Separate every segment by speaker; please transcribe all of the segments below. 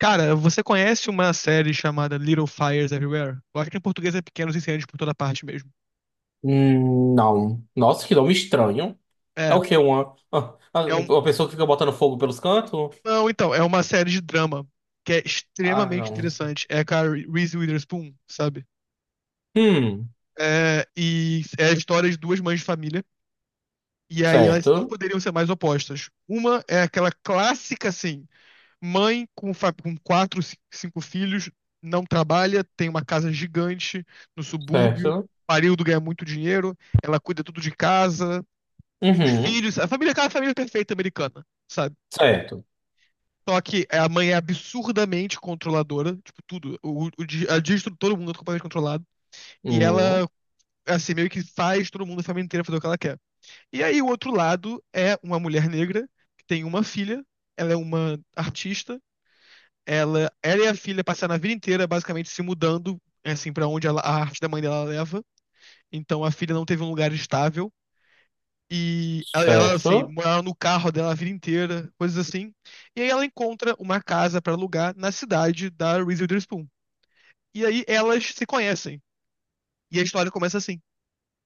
Speaker 1: Cara, você conhece uma série chamada Little Fires Everywhere? Eu acho que em português é Pequenos Incêndios por toda parte mesmo.
Speaker 2: Não. Nossa, que nome estranho. É
Speaker 1: É,
Speaker 2: o quê? Uma,
Speaker 1: é um.
Speaker 2: uma pessoa que fica botando fogo pelos cantos?
Speaker 1: Não, então, é uma série de drama que é
Speaker 2: Ah,
Speaker 1: extremamente
Speaker 2: não.
Speaker 1: interessante. É com a Reese Witherspoon, sabe?
Speaker 2: Hum,
Speaker 1: É, e é a história de duas mães de família. E aí elas não
Speaker 2: certo.
Speaker 1: poderiam ser mais opostas. Uma é aquela clássica, assim, mãe com, com quatro, cinco filhos, não trabalha, tem uma casa gigante no subúrbio,
Speaker 2: Certo.
Speaker 1: pariu do ganhar muito dinheiro, ela cuida tudo de casa, os
Speaker 2: Uhum,
Speaker 1: filhos, a família, aquela família perfeita americana, sabe?
Speaker 2: certo.
Speaker 1: Só que é, a mãe é absurdamente controladora, tipo, tudo. A distro, todo mundo é completamente controlado. E
Speaker 2: Hum,
Speaker 1: ela, assim, meio que faz todo mundo, a família inteira, fazer o que ela quer. E aí, o outro lado é uma mulher negra, que tem uma filha, ela é uma artista, ela e a filha passaram a vida inteira, basicamente, se mudando, assim, pra onde a arte da mãe dela leva. Então, a filha não teve um lugar estável. E ela, assim,
Speaker 2: certo.
Speaker 1: morava no carro dela a vida inteira, coisas assim. E aí ela encontra uma casa pra alugar na cidade da Reese Witherspoon. E aí elas se conhecem. E a história começa assim,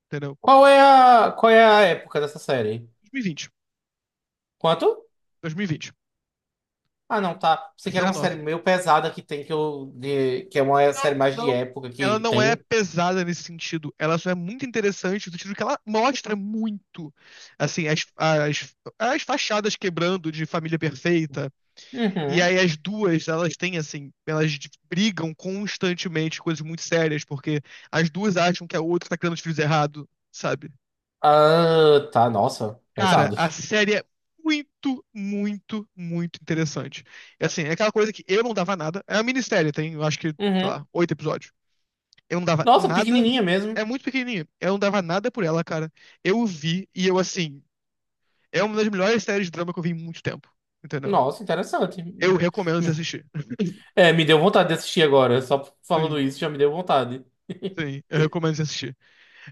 Speaker 1: entendeu?
Speaker 2: Qual é qual é a época dessa série?
Speaker 1: 2020.
Speaker 2: Quanto?
Speaker 1: 2020.
Speaker 2: Ah, não, tá.
Speaker 1: A
Speaker 2: Você quer
Speaker 1: série é
Speaker 2: uma série
Speaker 1: nova.
Speaker 2: meio pesada que tem que eu. Que é uma série
Speaker 1: Não,
Speaker 2: mais de
Speaker 1: não.
Speaker 2: época
Speaker 1: Ela
Speaker 2: que
Speaker 1: não é
Speaker 2: tem.
Speaker 1: pesada nesse sentido. Ela só é muito interessante no sentido que ela mostra muito, assim, as fachadas quebrando de família perfeita. E
Speaker 2: Uhum.
Speaker 1: aí as duas, elas têm assim, elas brigam constantemente, coisas muito sérias, porque as duas acham que a outra tá criando os filhos errado, sabe?
Speaker 2: Ah, tá. Nossa,
Speaker 1: Cara,
Speaker 2: pesado.
Speaker 1: a série é muito, muito, muito interessante. É assim, é aquela coisa que eu não dava nada. É uma minissérie, tem, eu acho que, sei lá,
Speaker 2: Uhum.
Speaker 1: oito episódios. Eu não dava
Speaker 2: Nossa,
Speaker 1: nada.
Speaker 2: pequenininha mesmo.
Speaker 1: É muito pequenininha. Eu não dava nada por ela, cara. Eu vi e eu, assim, é uma das melhores séries de drama que eu vi em muito tempo, entendeu?
Speaker 2: Nossa, interessante.
Speaker 1: Eu recomendo você assistir.
Speaker 2: É, me deu vontade de assistir agora. Só falando
Speaker 1: Sim,
Speaker 2: isso já me deu vontade.
Speaker 1: sim, eu recomendo você assistir.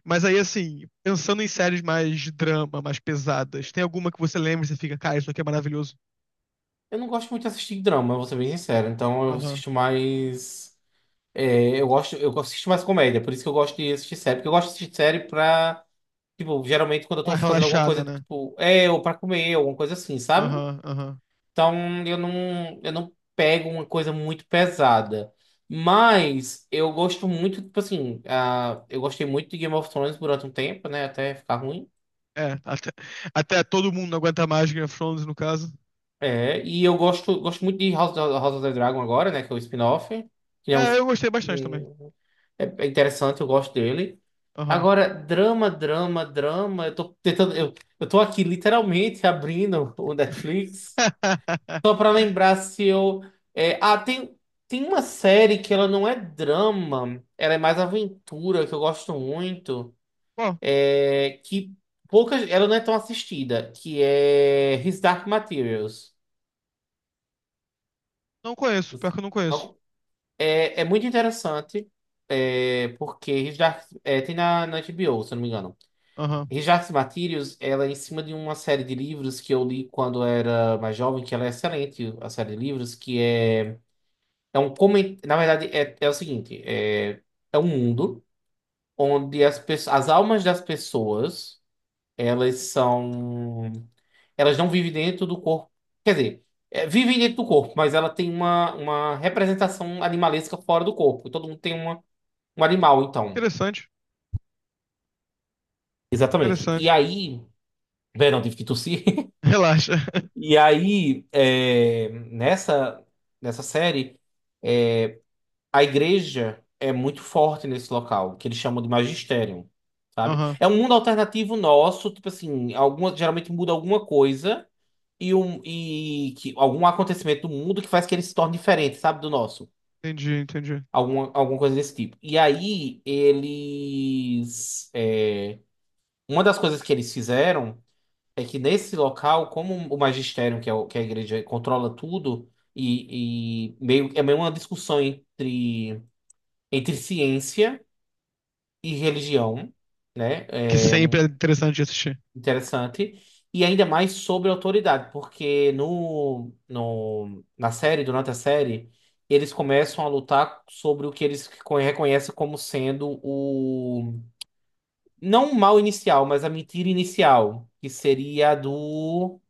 Speaker 1: Mas aí, assim, pensando em séries mais de drama, mais pesadas, tem alguma que você lembra e você fica, cara, isso aqui é maravilhoso?
Speaker 2: Eu não gosto muito de assistir drama, vou ser bem sincero. Então eu
Speaker 1: Aham.
Speaker 2: assisto mais. Eu gosto, eu assisto mais comédia, por isso que eu gosto de assistir série. Porque eu gosto de assistir série pra. Tipo, geralmente quando eu
Speaker 1: Ah,
Speaker 2: tô fazendo alguma
Speaker 1: relaxada,
Speaker 2: coisa,
Speaker 1: né?
Speaker 2: tipo, é, ou pra comer, alguma coisa assim, sabe?
Speaker 1: Aham, aham.
Speaker 2: Então eu não pego uma coisa muito pesada. Mas eu gosto muito, tipo assim, ah, eu gostei muito de Game of Thrones durante um tempo, né? Até ficar ruim.
Speaker 1: É, até todo mundo não aguenta mais Game of Thrones, no caso.
Speaker 2: É, e eu gosto, gosto muito de House, House of the Dragon agora, né? Que é o spin-off. Que é um.
Speaker 1: É, eu gostei bastante também.
Speaker 2: É, é interessante, eu gosto dele.
Speaker 1: Aham.
Speaker 2: Agora, drama, drama, drama. Eu tô tentando. Eu tô aqui literalmente abrindo o Netflix. Só pra lembrar se eu. é, ah, tem, tem uma série que ela não é drama, ela é mais aventura, que eu gosto muito.
Speaker 1: Bom,
Speaker 2: É, que poucas. Ela não é tão assistida, que é His Dark Materials.
Speaker 1: não conheço, pior que eu não conheço.
Speaker 2: Não. É, é muito interessante, porque His Dark, é, tem na HBO, se eu não me engano.
Speaker 1: Aham.
Speaker 2: His Dark Materials, ela é em cima de uma série de livros que eu li quando era mais jovem, que ela é excelente, a série de livros, que é, na verdade, é o seguinte, é um mundo onde as almas das pessoas, elas são, elas não vivem dentro do corpo, quer dizer, vivem dentro do corpo, mas ela tem uma representação animalesca fora do corpo. Todo mundo tem uma um animal, então.
Speaker 1: Interessante,
Speaker 2: Exatamente. E
Speaker 1: interessante.
Speaker 2: aí. Bem, não tive que tossir.
Speaker 1: Relaxa.
Speaker 2: E aí, nessa série, a igreja é muito forte nesse local, que eles chamam de magistério, sabe?
Speaker 1: Aham,
Speaker 2: É um mundo alternativo nosso, tipo assim, alguma, geralmente muda alguma coisa e, um, e que, algum acontecimento do mundo que faz que ele se torne diferente, sabe, do nosso.
Speaker 1: entendi, entendi.
Speaker 2: Alguma, alguma coisa desse tipo. E aí, eles. Uma das coisas que eles fizeram. É que nesse local, como o magistério, que é, que é a igreja controla tudo, e meio, é meio uma discussão entre, entre ciência e religião, né?
Speaker 1: Que
Speaker 2: É
Speaker 1: sempre é interessante de assistir.
Speaker 2: interessante. E ainda mais sobre autoridade, porque no, no, na série, durante a série, eles começam a lutar sobre o que eles reconhecem como sendo o. Não o mal inicial, mas a mentira inicial, que seria a do.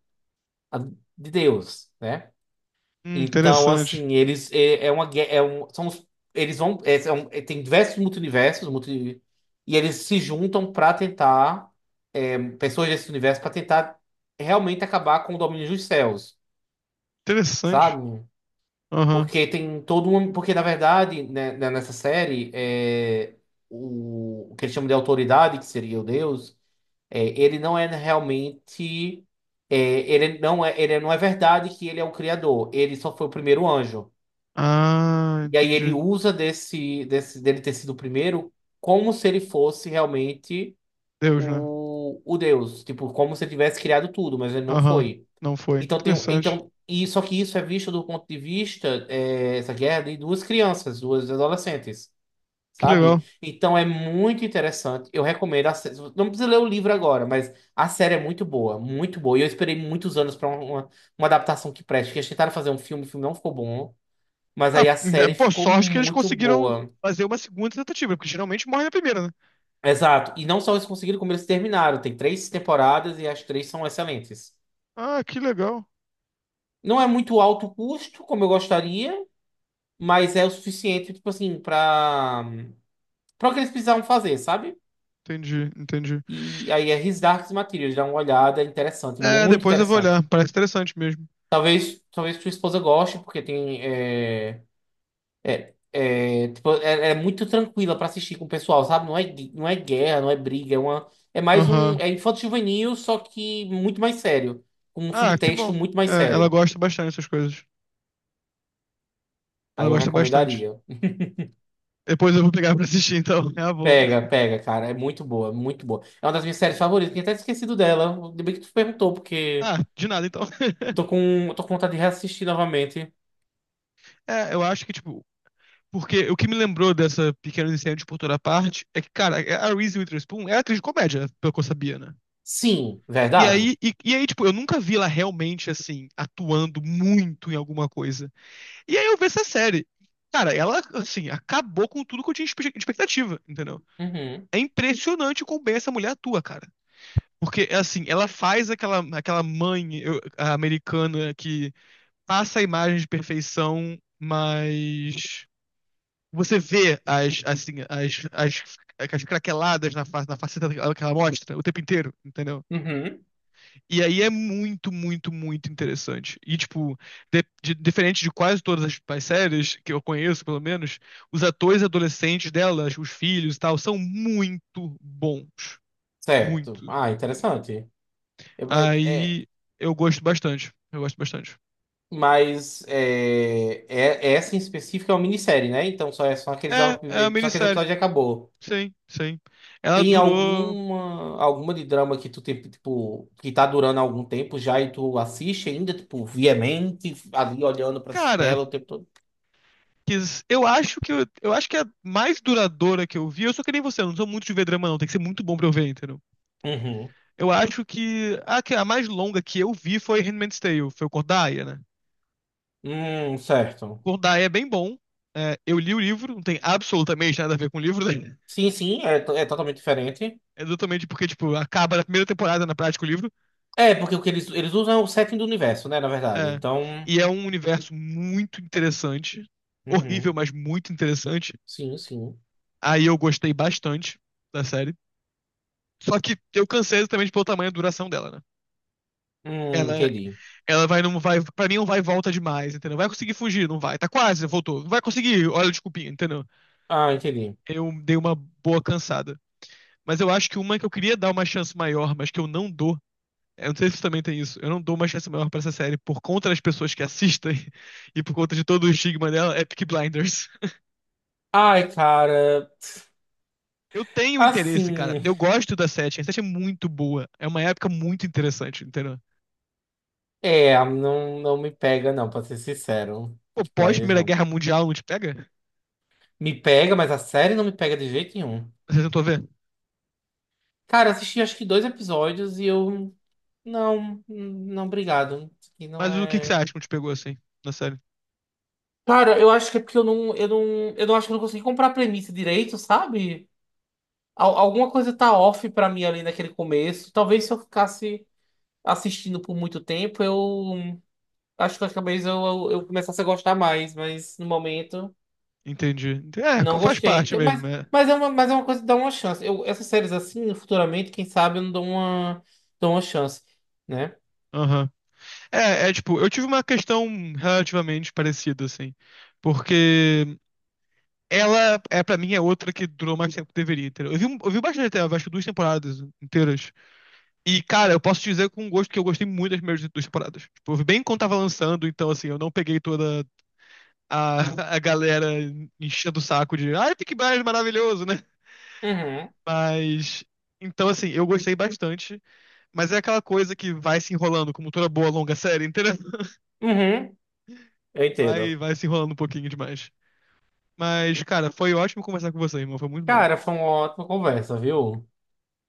Speaker 2: A de Deus, né? Então,
Speaker 1: Interessante.
Speaker 2: assim, eles é, é um, eles vão é, é, tem diversos multiversos, multi, e eles se juntam para tentar pessoas desse universo para tentar realmente acabar com o domínio dos céus,
Speaker 1: Interessante.
Speaker 2: sabe?
Speaker 1: Aham.
Speaker 2: Porque tem todo um, porque na verdade, né, nessa série é o que eles chamam de autoridade, que seria o Deus, ele não é realmente é, ele não é verdade que ele é o criador, ele só foi o primeiro anjo.
Speaker 1: Ah,
Speaker 2: E aí ele
Speaker 1: entendi.
Speaker 2: usa desse dele ter sido o primeiro como se ele fosse realmente
Speaker 1: Deus, né?
Speaker 2: o Deus. Tipo, como se ele tivesse criado tudo, mas ele não
Speaker 1: Aham,
Speaker 2: foi.
Speaker 1: não foi.
Speaker 2: Então tem.
Speaker 1: Interessante.
Speaker 2: Então, e, só que isso é visto do ponto de vista, é, essa guerra de duas crianças, duas adolescentes.
Speaker 1: Que legal.
Speaker 2: Sabe? Então é muito interessante. Eu recomendo. A, não precisa ler o livro agora, mas a série é muito boa, muito boa. E eu esperei muitos anos para uma adaptação que preste. Porque eles tentaram fazer um filme, o filme não ficou bom. Mas
Speaker 1: Ah,
Speaker 2: aí a
Speaker 1: né,
Speaker 2: série
Speaker 1: pô,
Speaker 2: ficou
Speaker 1: sorte que eles
Speaker 2: muito
Speaker 1: conseguiram
Speaker 2: boa.
Speaker 1: fazer uma segunda tentativa, porque geralmente morre na primeira, né?
Speaker 2: Exato. E não só eles conseguiram, como eles terminaram. Tem três temporadas e as três são excelentes.
Speaker 1: Ah, que legal.
Speaker 2: Não é muito alto custo, como eu gostaria, mas é o suficiente, tipo assim, pra, pra o que eles precisavam fazer, sabe?
Speaker 1: Entendi, entendi.
Speaker 2: E aí é His Dark Materials, dá uma olhada é interessante,
Speaker 1: É,
Speaker 2: muito
Speaker 1: depois eu vou
Speaker 2: interessante.
Speaker 1: olhar. Parece interessante mesmo.
Speaker 2: Talvez, talvez sua esposa goste, porque tem, é, É, é, tipo, é, é muito tranquila pra assistir com o pessoal, sabe? Não é, não é guerra, não é briga, é uma, é mais um,
Speaker 1: Aham.
Speaker 2: é infanto-juvenil, só que muito mais sério, com um
Speaker 1: Ah, que
Speaker 2: subtexto
Speaker 1: bom.
Speaker 2: muito mais
Speaker 1: É, ela
Speaker 2: sério.
Speaker 1: gosta bastante dessas coisas. Ela
Speaker 2: Aí eu
Speaker 1: gosta bastante.
Speaker 2: recomendaria.
Speaker 1: Depois eu vou pegar pra assistir, então. É uma boa.
Speaker 2: Pega, pega, cara, é muito boa, muito boa. É uma das minhas séries favoritas, tinha até esquecido dela. Ainda bem que tu perguntou, porque
Speaker 1: Ah, de nada, então.
Speaker 2: eu tô com, eu tô com vontade de reassistir novamente.
Speaker 1: É, eu acho que, tipo, porque o que me lembrou dessa pequena incêndio por toda parte é que, cara, a Reese Witherspoon é atriz de comédia, pelo que eu sabia, né?
Speaker 2: Sim,
Speaker 1: E
Speaker 2: verdade?
Speaker 1: aí, e, e aí, tipo, eu nunca vi ela realmente, assim, atuando muito em alguma coisa. E aí eu vi essa série. Cara, ela, assim, acabou com tudo que eu tinha expectativa, entendeu?
Speaker 2: Uhum,
Speaker 1: É impressionante como bem essa mulher atua, cara. Porque, assim, ela faz aquela, mãe a americana que passa a imagem de perfeição, mas você vê as, assim, as craqueladas na face, na faceta que ela mostra o tempo inteiro, entendeu?
Speaker 2: uhum,
Speaker 1: E aí é muito, muito, muito interessante. E, tipo, diferente de quase todas as séries que eu conheço, pelo menos, os atores adolescentes delas, os filhos e tal, são muito bons.
Speaker 2: certo.
Speaker 1: Muito.
Speaker 2: Ah, interessante. Eu- é.
Speaker 1: Aí eu gosto bastante. Eu gosto bastante.
Speaker 2: Mas é, essa em específico é uma minissérie, né? Então
Speaker 1: É uma
Speaker 2: só aqueles
Speaker 1: minissérie.
Speaker 2: episódios e acabou.
Speaker 1: Sim, sim. Ela
Speaker 2: Tem
Speaker 1: durou.
Speaker 2: alguma alguma de drama que tu tem, tipo, que tá durando há algum tempo já e tu assiste ainda, tipo, viamente, ali olhando pra
Speaker 1: Cara,
Speaker 2: tela o tempo todo?
Speaker 1: eu acho que é a mais duradoura que eu vi. Eu sou que nem você, eu não sou muito de ver drama, não. Tem que ser muito bom pra eu ver, entendeu?
Speaker 2: Uhum.
Speaker 1: Eu acho que a mais longa que eu vi foi Handmaid's Tale, foi o Cordaia, né?
Speaker 2: Certo.
Speaker 1: Cordaia é bem bom. É, eu li o livro, não tem absolutamente nada a ver com o livro, né?
Speaker 2: É totalmente diferente.
Speaker 1: É totalmente porque, tipo, acaba na primeira temporada, na prática, o livro.
Speaker 2: É, porque o que eles usam é o setting do universo, né, na verdade.
Speaker 1: É,
Speaker 2: Então,
Speaker 1: e é um universo muito interessante. Horrível,
Speaker 2: uhum.
Speaker 1: mas muito interessante.
Speaker 2: Sim, sim.
Speaker 1: Aí eu gostei bastante da série. Só que eu cansei exatamente pelo tamanho e duração dela, né? Ela,
Speaker 2: Entendi.
Speaker 1: ela vai, não vai, pra mim não vai e volta demais, entendeu? Vai conseguir fugir, não vai. Tá quase, voltou. Não vai conseguir, olha, desculpinha, entendeu?
Speaker 2: Ah, entendi.
Speaker 1: Eu dei uma boa cansada. Mas eu acho que uma que eu queria dar uma chance maior, mas que eu não dou. Eu não sei se você também tem isso. Eu não dou uma chance maior pra essa série por conta das pessoas que assistem e por conta de todo o estigma dela, é Peaky Blinders.
Speaker 2: Ai, cara.
Speaker 1: Eu tenho interesse, cara.
Speaker 2: Assim.
Speaker 1: Eu gosto da sete. A sete é muito boa. É uma época muito interessante, entendeu?
Speaker 2: É, não me pega, não, pra ser sincero.
Speaker 1: Pô,
Speaker 2: Peaky
Speaker 1: pós
Speaker 2: Blinders,
Speaker 1: Primeira
Speaker 2: não.
Speaker 1: Guerra Mundial não te pega?
Speaker 2: Me pega, mas a série não me pega de jeito nenhum.
Speaker 1: Você tentou ver?
Speaker 2: Cara, eu assisti acho que dois episódios e eu. Não, não, obrigado. Isso aqui não
Speaker 1: Mas o que que você
Speaker 2: é.
Speaker 1: acha que não te pegou assim, na série?
Speaker 2: Cara, eu acho que é porque eu não acho que eu não consegui comprar a premissa direito, sabe? Alguma coisa tá off pra mim ali naquele começo. Talvez se eu ficasse assistindo por muito tempo, eu acho que talvez eu começasse a gostar mais, mas no momento.
Speaker 1: Entendi. É,
Speaker 2: Não
Speaker 1: faz
Speaker 2: gostei.
Speaker 1: parte
Speaker 2: Tem-
Speaker 1: mesmo, é.
Speaker 2: mas é uma coisa que dá uma chance. Eu, essas séries assim, futuramente, quem sabe eu não dou uma, dou uma chance, né?
Speaker 1: Aham. É, tipo, eu tive uma questão relativamente parecida, assim. Porque ela, é pra mim, é outra que durou mais tempo que deveria, entendeu? Eu vi bastante até, eu acho que duas temporadas inteiras. E, cara, eu posso te dizer com gosto que eu gostei muito das primeiras duas temporadas. Tipo, eu vi bem quando tava lançando, então, assim, eu não peguei toda a, a galera enchendo o saco de, ai, Peaky Blinders é maravilhoso, né?
Speaker 2: Uhum.
Speaker 1: Mas. Então, assim, eu gostei bastante, mas é aquela coisa que vai se enrolando, como toda boa longa série, entendeu?
Speaker 2: Uhum. Eu
Speaker 1: Vai,
Speaker 2: entendo.
Speaker 1: vai se enrolando um pouquinho demais. Mas, cara, foi ótimo conversar com você, irmão. Foi muito bom.
Speaker 2: Cara, foi uma ótima conversa, viu?